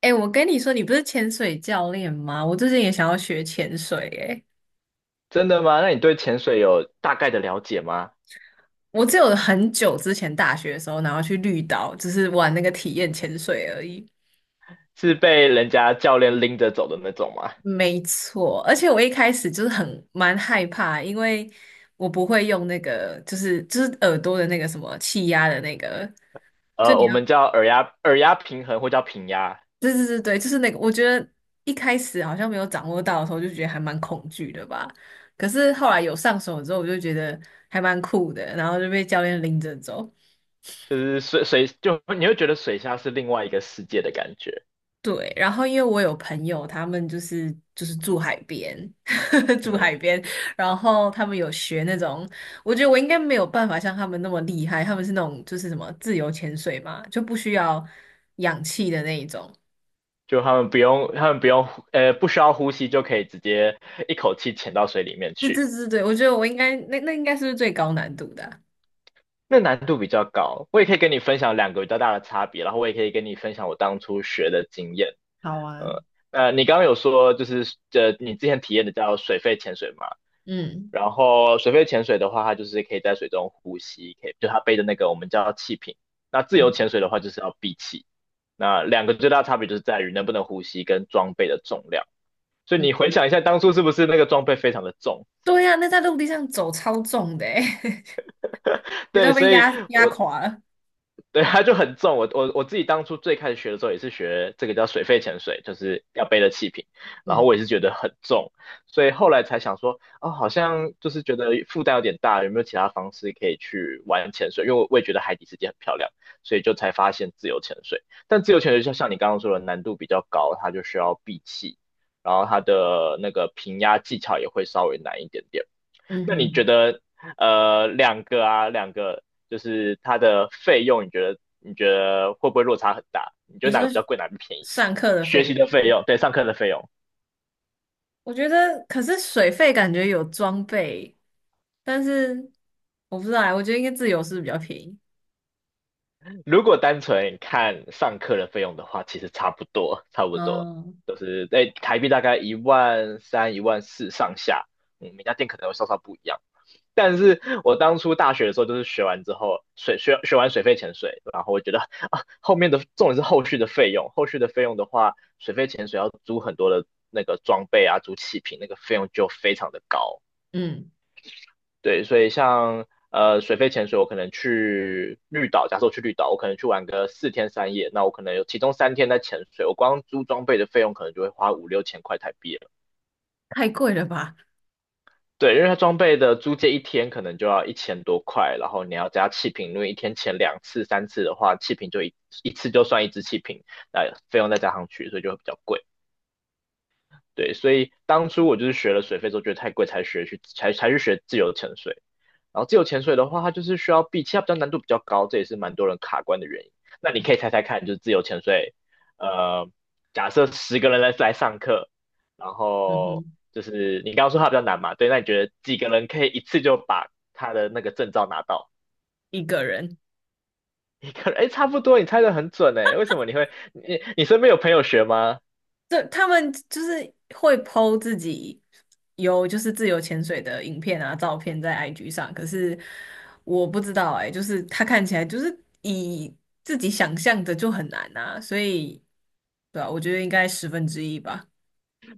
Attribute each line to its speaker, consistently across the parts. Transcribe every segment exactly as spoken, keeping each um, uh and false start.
Speaker 1: 哎、我跟你说，你不是潜水教练吗？我最近也想要学潜水、哎，
Speaker 2: 真的吗？那你对潜水有大概的了解吗？
Speaker 1: 我只有很久之前大学的时候，然后去绿岛，只是玩那个体验潜水而已。
Speaker 2: 是被人家教练拎着走的那种吗？
Speaker 1: 没错，而且我一开始就是很蛮害怕，因为我不会用那个，就是就是耳朵的那个什么气压的那个，就
Speaker 2: 呃，
Speaker 1: 你
Speaker 2: 我
Speaker 1: 要，
Speaker 2: 们叫耳压耳压平衡，或叫平压。
Speaker 1: 对对对对，就是那个。我觉得一开始好像没有掌握到的时候，就觉得还蛮恐惧的吧。可是后来有上手之后，我就觉得还蛮酷的，然后就被教练拎着走。
Speaker 2: 就是水水就你会觉得水下是另外一个世界的感觉。
Speaker 1: 对，然后因为我有朋友，他们就是就是住海边，住
Speaker 2: 嗯。
Speaker 1: 海边，然后他们有学那种，我觉得我应该没有办法像他们那么厉害，他们是那种就是什么自由潜水嘛，就不需要氧气的那一种。
Speaker 2: 就他们不用他们不用呃不需要呼吸就可以直接一口气潜到水里面
Speaker 1: 对
Speaker 2: 去。
Speaker 1: 对对对，我觉得我应该那那应该是最高难度的啊。
Speaker 2: 那难度比较高。我也可以跟你分享两个比较大的差别，然后我也可以跟你分享我当初学的经验。
Speaker 1: 好啊，
Speaker 2: 呃呃，你刚刚有说就是呃你之前体验的叫水肺潜水吗？
Speaker 1: 嗯
Speaker 2: 然后水肺潜水的话，它就是可以在水中呼吸，可以就它背的那个我们叫气瓶。那自由潜水的话，就是要闭气。那两个最大差别就是在于能不能呼吸跟装备的重量。所以
Speaker 1: 嗯，
Speaker 2: 你回想一下，当初是不是那个装备非常的重？
Speaker 1: 对呀、那在陆地上走超重的欸，觉
Speaker 2: 对，
Speaker 1: 得被
Speaker 2: 所以
Speaker 1: 压压
Speaker 2: 我
Speaker 1: 垮了。
Speaker 2: 对，它就很重。我我我自己当初最开始学的时候也是学这个叫水肺潜水，就是要背的气瓶。然后我
Speaker 1: 嗯
Speaker 2: 也是觉得很重，所以后来才想说，哦，好像就是觉得负担有点大，有没有其他方式可以去玩潜水？因为我我也觉得海底世界很漂亮，所以就才发现自由潜水。但自由潜水就像你刚刚说的，难度比较高，它就需要闭气，然后它的那个平压技巧也会稍微难一点点。
Speaker 1: 嗯
Speaker 2: 那你觉
Speaker 1: 哼，
Speaker 2: 得呃两个啊两个就是它的费用，你觉得你觉得会不会落差很大？你觉
Speaker 1: 你
Speaker 2: 得
Speaker 1: 说
Speaker 2: 哪个比较贵，哪个比较便宜？
Speaker 1: 上课的
Speaker 2: 学
Speaker 1: 费
Speaker 2: 习
Speaker 1: 用？
Speaker 2: 的费用，对，上课的费用。
Speaker 1: 我觉得，可是水费感觉有装备，但是我不知道欸，我觉得应该自由是比较便宜。
Speaker 2: 如果单纯看上课的费用的话，其实差不多，差不多，
Speaker 1: 哦，
Speaker 2: 都是在台币大概一万三、一万四上下。嗯，每家店可能会稍稍不一样。但是我当初大学的时候，就是学完之后，水学学完水肺潜水，然后我觉得啊，后面的重点是后续的费用，后续的费用的话，水肺潜水要租很多的那个装备啊，租气瓶，那个费用就非常的高。
Speaker 1: 嗯，
Speaker 2: 对，所以像呃水肺潜水，我可能去绿岛，假设我去绿岛，我可能去玩个四天三夜，那我可能有其中三天在潜水，我光租装备的费用可能就会花五六千块台币了。
Speaker 1: 太贵了吧，
Speaker 2: 对，因为它装备的租借一天可能就要一千多块，然后你要加气瓶，因为一天前两次、三次的话，气瓶就一一次就算一支气瓶，那费用再加上去，所以就会比较贵。对，所以当初我就是学了水费之后，觉得太贵，才学去才才去学自由潜水。然后自由潜水的话，它就是需要闭气，它比较难度比较高，这也是蛮多人卡关的原因。那你可以猜猜看，就是自由潜水，呃，假设十个人来来上课，然
Speaker 1: 嗯
Speaker 2: 后
Speaker 1: 哼，
Speaker 2: 就是你刚刚说它比较难嘛，对，那你觉得几个人可以一次就把他的那个证照拿到？
Speaker 1: 一个人。
Speaker 2: 一个人，哎，差不多，你猜的很准哎，为什么你会？你你身边有朋友学吗？
Speaker 1: 对，他们就是会 po 自己有就是自由潜水的影片啊、照片在 I G 上，可是我不知道哎、就是他看起来就是以自己想象的就很难啊，所以对啊，我觉得应该十分之一吧。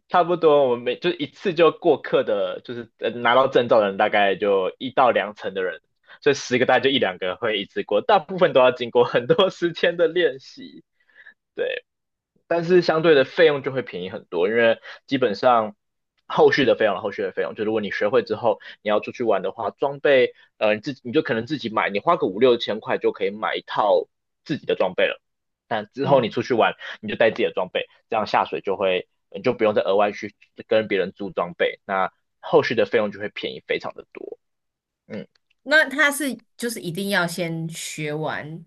Speaker 2: 差不多，我们每就一次就过课的，就是呃拿到证照的人大概就一到两成的人，所以十个大概就一两个会一次过，大部分都要经过很多时间的练习。对。但是相对的费用就会便宜很多，因为基本上后续的费用，后续的费用，就如果你学会之后，你要出去玩的话，装备，呃，你自己你就可能自己买，你花个五六千块就可以买一套自己的装备了。但之后
Speaker 1: 嗯。
Speaker 2: 你出去玩，你就带自己的装备，这样下水就会，你就不用再额外去跟别人租装备，那后续的费用就会便宜非常的多。嗯。
Speaker 1: 那他是就是一定要先学完，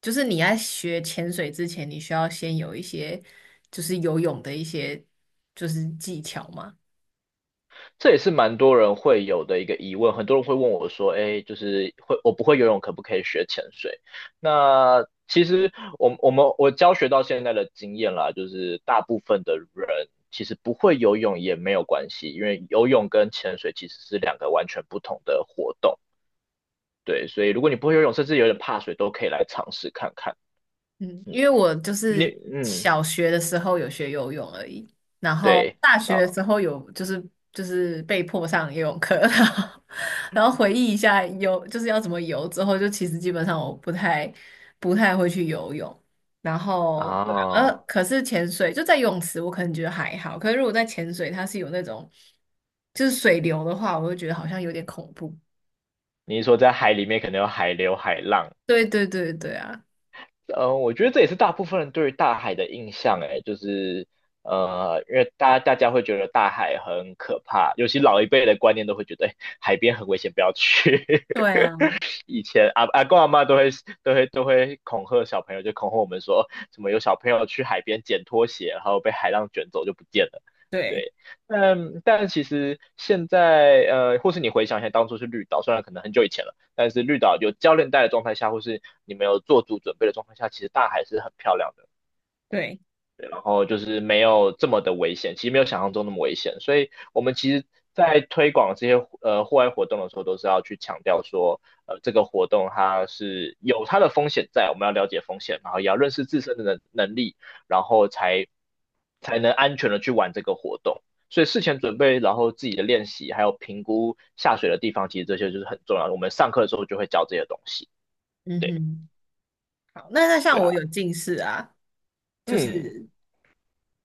Speaker 1: 就是你在学潜水之前，你需要先有一些就是游泳的一些就是技巧吗？
Speaker 2: 这也是蛮多人会有的一个疑问，很多人会问我说："哎，就是会我不会游泳，可不可以学潜水？"那其实我我们我教学到现在的经验啦，就是大部分的人其实不会游泳也没有关系，因为游泳跟潜水其实是两个完全不同的活动。对，所以如果你不会游泳，甚至有点怕水，都可以来尝试看看。
Speaker 1: 嗯，因为我就
Speaker 2: 你
Speaker 1: 是
Speaker 2: 嗯，
Speaker 1: 小学的时候有学游泳而已，然后
Speaker 2: 对
Speaker 1: 大学
Speaker 2: 啊
Speaker 1: 的时候有就是就是被迫上游泳课，然后然后回忆一下游就是要怎么游之后，就其实基本上我不太不太会去游泳，然后对啊，呃，
Speaker 2: 啊，
Speaker 1: 可是潜水就在游泳池，我可能觉得还好，可是如果在潜水，它是有那种就是水流的话，我就觉得好像有点恐怖。
Speaker 2: 你是说在海里面可能有海流、海浪。
Speaker 1: 对对对对啊，
Speaker 2: 呃，我觉得这也是大部分人对于大海的印象，哎，就是呃，因为大大家会觉得大海很可怕，尤其老一辈的观念都会觉得，哎，海边很危险，不要去。
Speaker 1: 对啊，
Speaker 2: 以前阿阿公阿妈都会都会都会恐吓小朋友，就恐吓我们说怎么有小朋友去海边捡拖鞋，然后被海浪卷走就不见了。
Speaker 1: 对
Speaker 2: 对，但但其实现在呃，或是你回想一下当初是绿岛，虽然可能很久以前了，但是绿岛有教练带的状态下，或是你没有做足准备的状态下，其实大海是很漂亮的。
Speaker 1: 对，
Speaker 2: 然后就是没有这么的危险，其实没有想象中那么危险。所以我们其实在推广这些呃户外活动的时候，都是要去强调说，呃，这个活动它是有它的风险在，我们要了解风险，然后也要认识自身的能能力，然后才才能安全的去玩这个活动。所以事前准备，然后自己的练习，还有评估下水的地方，其实这些就是很重要的。我们上课的时候就会教这些东西。
Speaker 1: 嗯
Speaker 2: 对，
Speaker 1: 哼。好，那那像
Speaker 2: 对啊。
Speaker 1: 我有近视啊，就
Speaker 2: 嗯。
Speaker 1: 是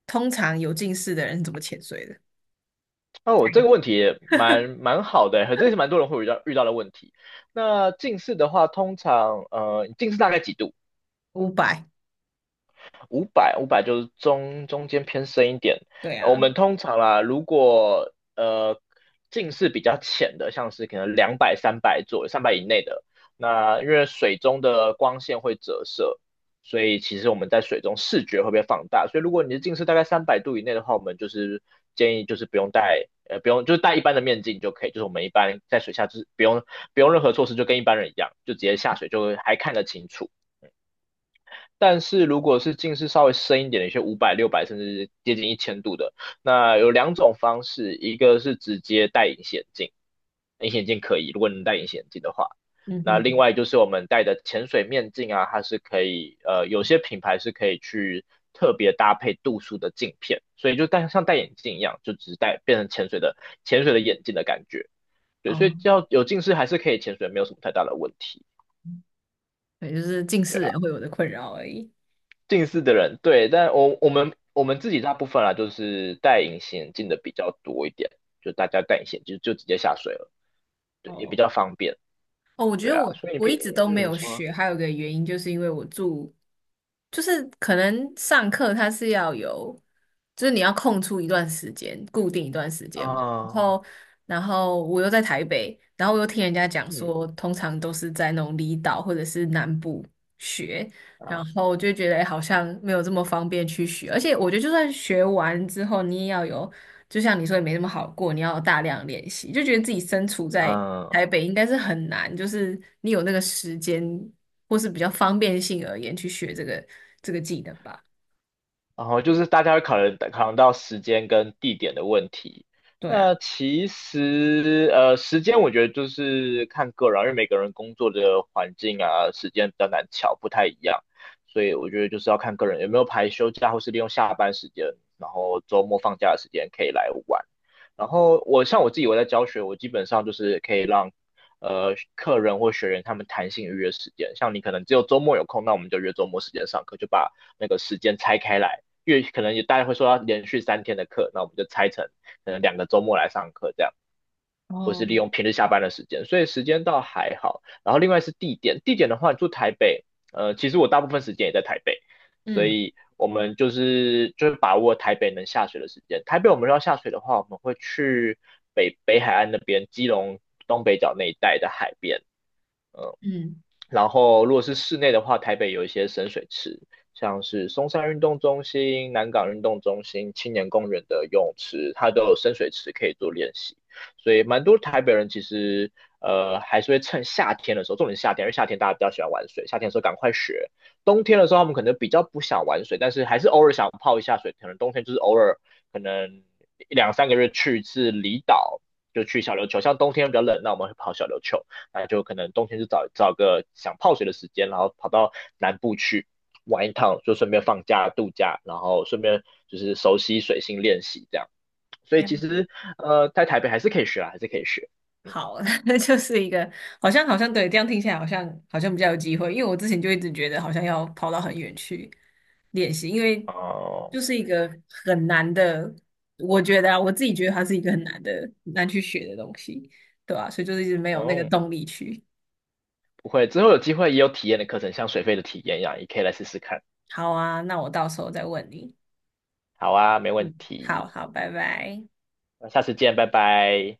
Speaker 1: 通常有近视的人怎么潜水的？
Speaker 2: 哦，我这个问题也蛮蛮好的欸，这也是蛮多人会遇到遇到的问题。那近视的话，通常呃，你近视大概几度？
Speaker 1: 五百，
Speaker 2: 五百五百就是中中间偏深一点。
Speaker 1: 对
Speaker 2: 呃我
Speaker 1: 啊，
Speaker 2: 们通常啦，如果呃近视比较浅的，像是可能两百、三百左右、三百以内的，那因为水中的光线会折射，所以其实我们在水中视觉会被放大。所以如果你的近视大概三百度以内的话，我们就是建议就是不用戴。呃，不用，就是戴一般的面镜就可以，就是我们一般在水下就是不用不用任何措施，就跟一般人一样，就直接下水就还看得清楚。但是如果是近视稍微深一点的，有些五百、六百甚至接近一千度的，那有两种方式，一个是直接戴隐形眼镜，隐形眼镜可以，如果能戴隐形眼镜的话，
Speaker 1: 嗯
Speaker 2: 那另
Speaker 1: 哼，
Speaker 2: 外就是我们戴的潜水面镜啊，它是可以，呃，有些品牌是可以去特别搭配度数的镜片，所以就戴像戴眼镜一样，就只是戴变成潜水的潜水的眼镜的感觉。对，所以
Speaker 1: 哦，
Speaker 2: 只要有近视还是可以潜水，没有什么太大的问题，
Speaker 1: 对，就是近
Speaker 2: 对
Speaker 1: 视
Speaker 2: 啊。
Speaker 1: 人会有的困扰而已。
Speaker 2: 近视的人，对，但我我们我们自己大部分啦，就是戴隐形眼镜的比较多一点，就大家戴隐形就就直接下水了，对，也比
Speaker 1: 哦。
Speaker 2: 较方便，
Speaker 1: 哦，我觉
Speaker 2: 对
Speaker 1: 得
Speaker 2: 啊。
Speaker 1: 我
Speaker 2: 所以你
Speaker 1: 我一
Speaker 2: 平
Speaker 1: 直都没
Speaker 2: 嗯，
Speaker 1: 有
Speaker 2: 说
Speaker 1: 学，还有一个原因就是因为我住，就是可能上课它是要有，就是你要空出一段时间，固定一段时间嘛。然
Speaker 2: 啊，
Speaker 1: 后，然后我又在台北，然后我又听人家讲
Speaker 2: 嗯
Speaker 1: 说，通常都是在那种离岛或者是南部学，然
Speaker 2: 啊，
Speaker 1: 后我就觉得，诶好像没有这么方便去学，而且我觉得就算学完之后，你也要有。就像你说也没那么好过，你要大量练习，就觉得自己身处在
Speaker 2: 嗯。
Speaker 1: 台北应该是很难，就是你有那个时间或是比较方便性而言去学这个这个技能吧。
Speaker 2: 然后就是大家会考虑考量到时间跟地点的问题。
Speaker 1: 对啊，
Speaker 2: 那其实呃，时间我觉得就是看个人啊，因为每个人工作的环境啊、时间比较难巧，不太一样，所以我觉得就是要看个人有没有排休假，或是利用下班时间，然后周末放假的时间可以来玩。然后我像我自己我在教学，我基本上就是可以让呃客人或学员他们弹性预约时间，像你可能只有周末有空，那我们就约周末时间上课，就把那个时间拆开来，因为可能也大家会说要连续三天的课，那我们就拆成可能两个周末来上课这样，或是
Speaker 1: 哦，
Speaker 2: 利用平日下班的时间，所以时间倒还好。然后另外是地点，地点的话，你住台北，呃，其实我大部分时间也在台北，所
Speaker 1: 嗯
Speaker 2: 以我们就是就是把握台北能下水的时间。台北我们要下水的话，我们会去北北海岸那边，基隆东北角那一带的海边，
Speaker 1: 嗯，
Speaker 2: 然后如果是室内的话，台北有一些深水池，像是松山运动中心、南港运动中心、青年公园的游泳池，它都有深水池可以做练习。所以蛮多台北人其实呃还是会趁夏天的时候，重点是夏天，因为夏天大家比较喜欢玩水，夏天的时候赶快学。冬天的时候他们可能比较不想玩水，但是还是偶尔想泡一下水，可能冬天就是偶尔可能两三个月去一次离岛，就去小琉球。像冬天比较冷，那我们会跑小琉球。那就可能冬天就找找个想泡水的时间，然后跑到南部去玩一趟，就顺便放假度假，然后顺便就是熟悉水性练习这样。所以
Speaker 1: 了
Speaker 2: 其实呃，在台北还是可以学啊，还是可以学。嗯。
Speaker 1: 好，那就是一个好像好像对，这样听起来好像好像比较有机会，因为我之前就一直觉得好像要跑到很远去练习，因为
Speaker 2: 哦
Speaker 1: 就是一个很难的，我觉得啊，我自己觉得它是一个很难的很难去学的东西，对吧？所以就是一直没有那个
Speaker 2: 哦。
Speaker 1: 动力去。
Speaker 2: 不会，之后有机会也有体验的课程，像水费的体验一样，也可以来试试看。
Speaker 1: 好啊，那我到时候再问你。
Speaker 2: 好啊，没问
Speaker 1: 嗯，好
Speaker 2: 题，
Speaker 1: 好，拜拜。
Speaker 2: 那下次见，拜拜。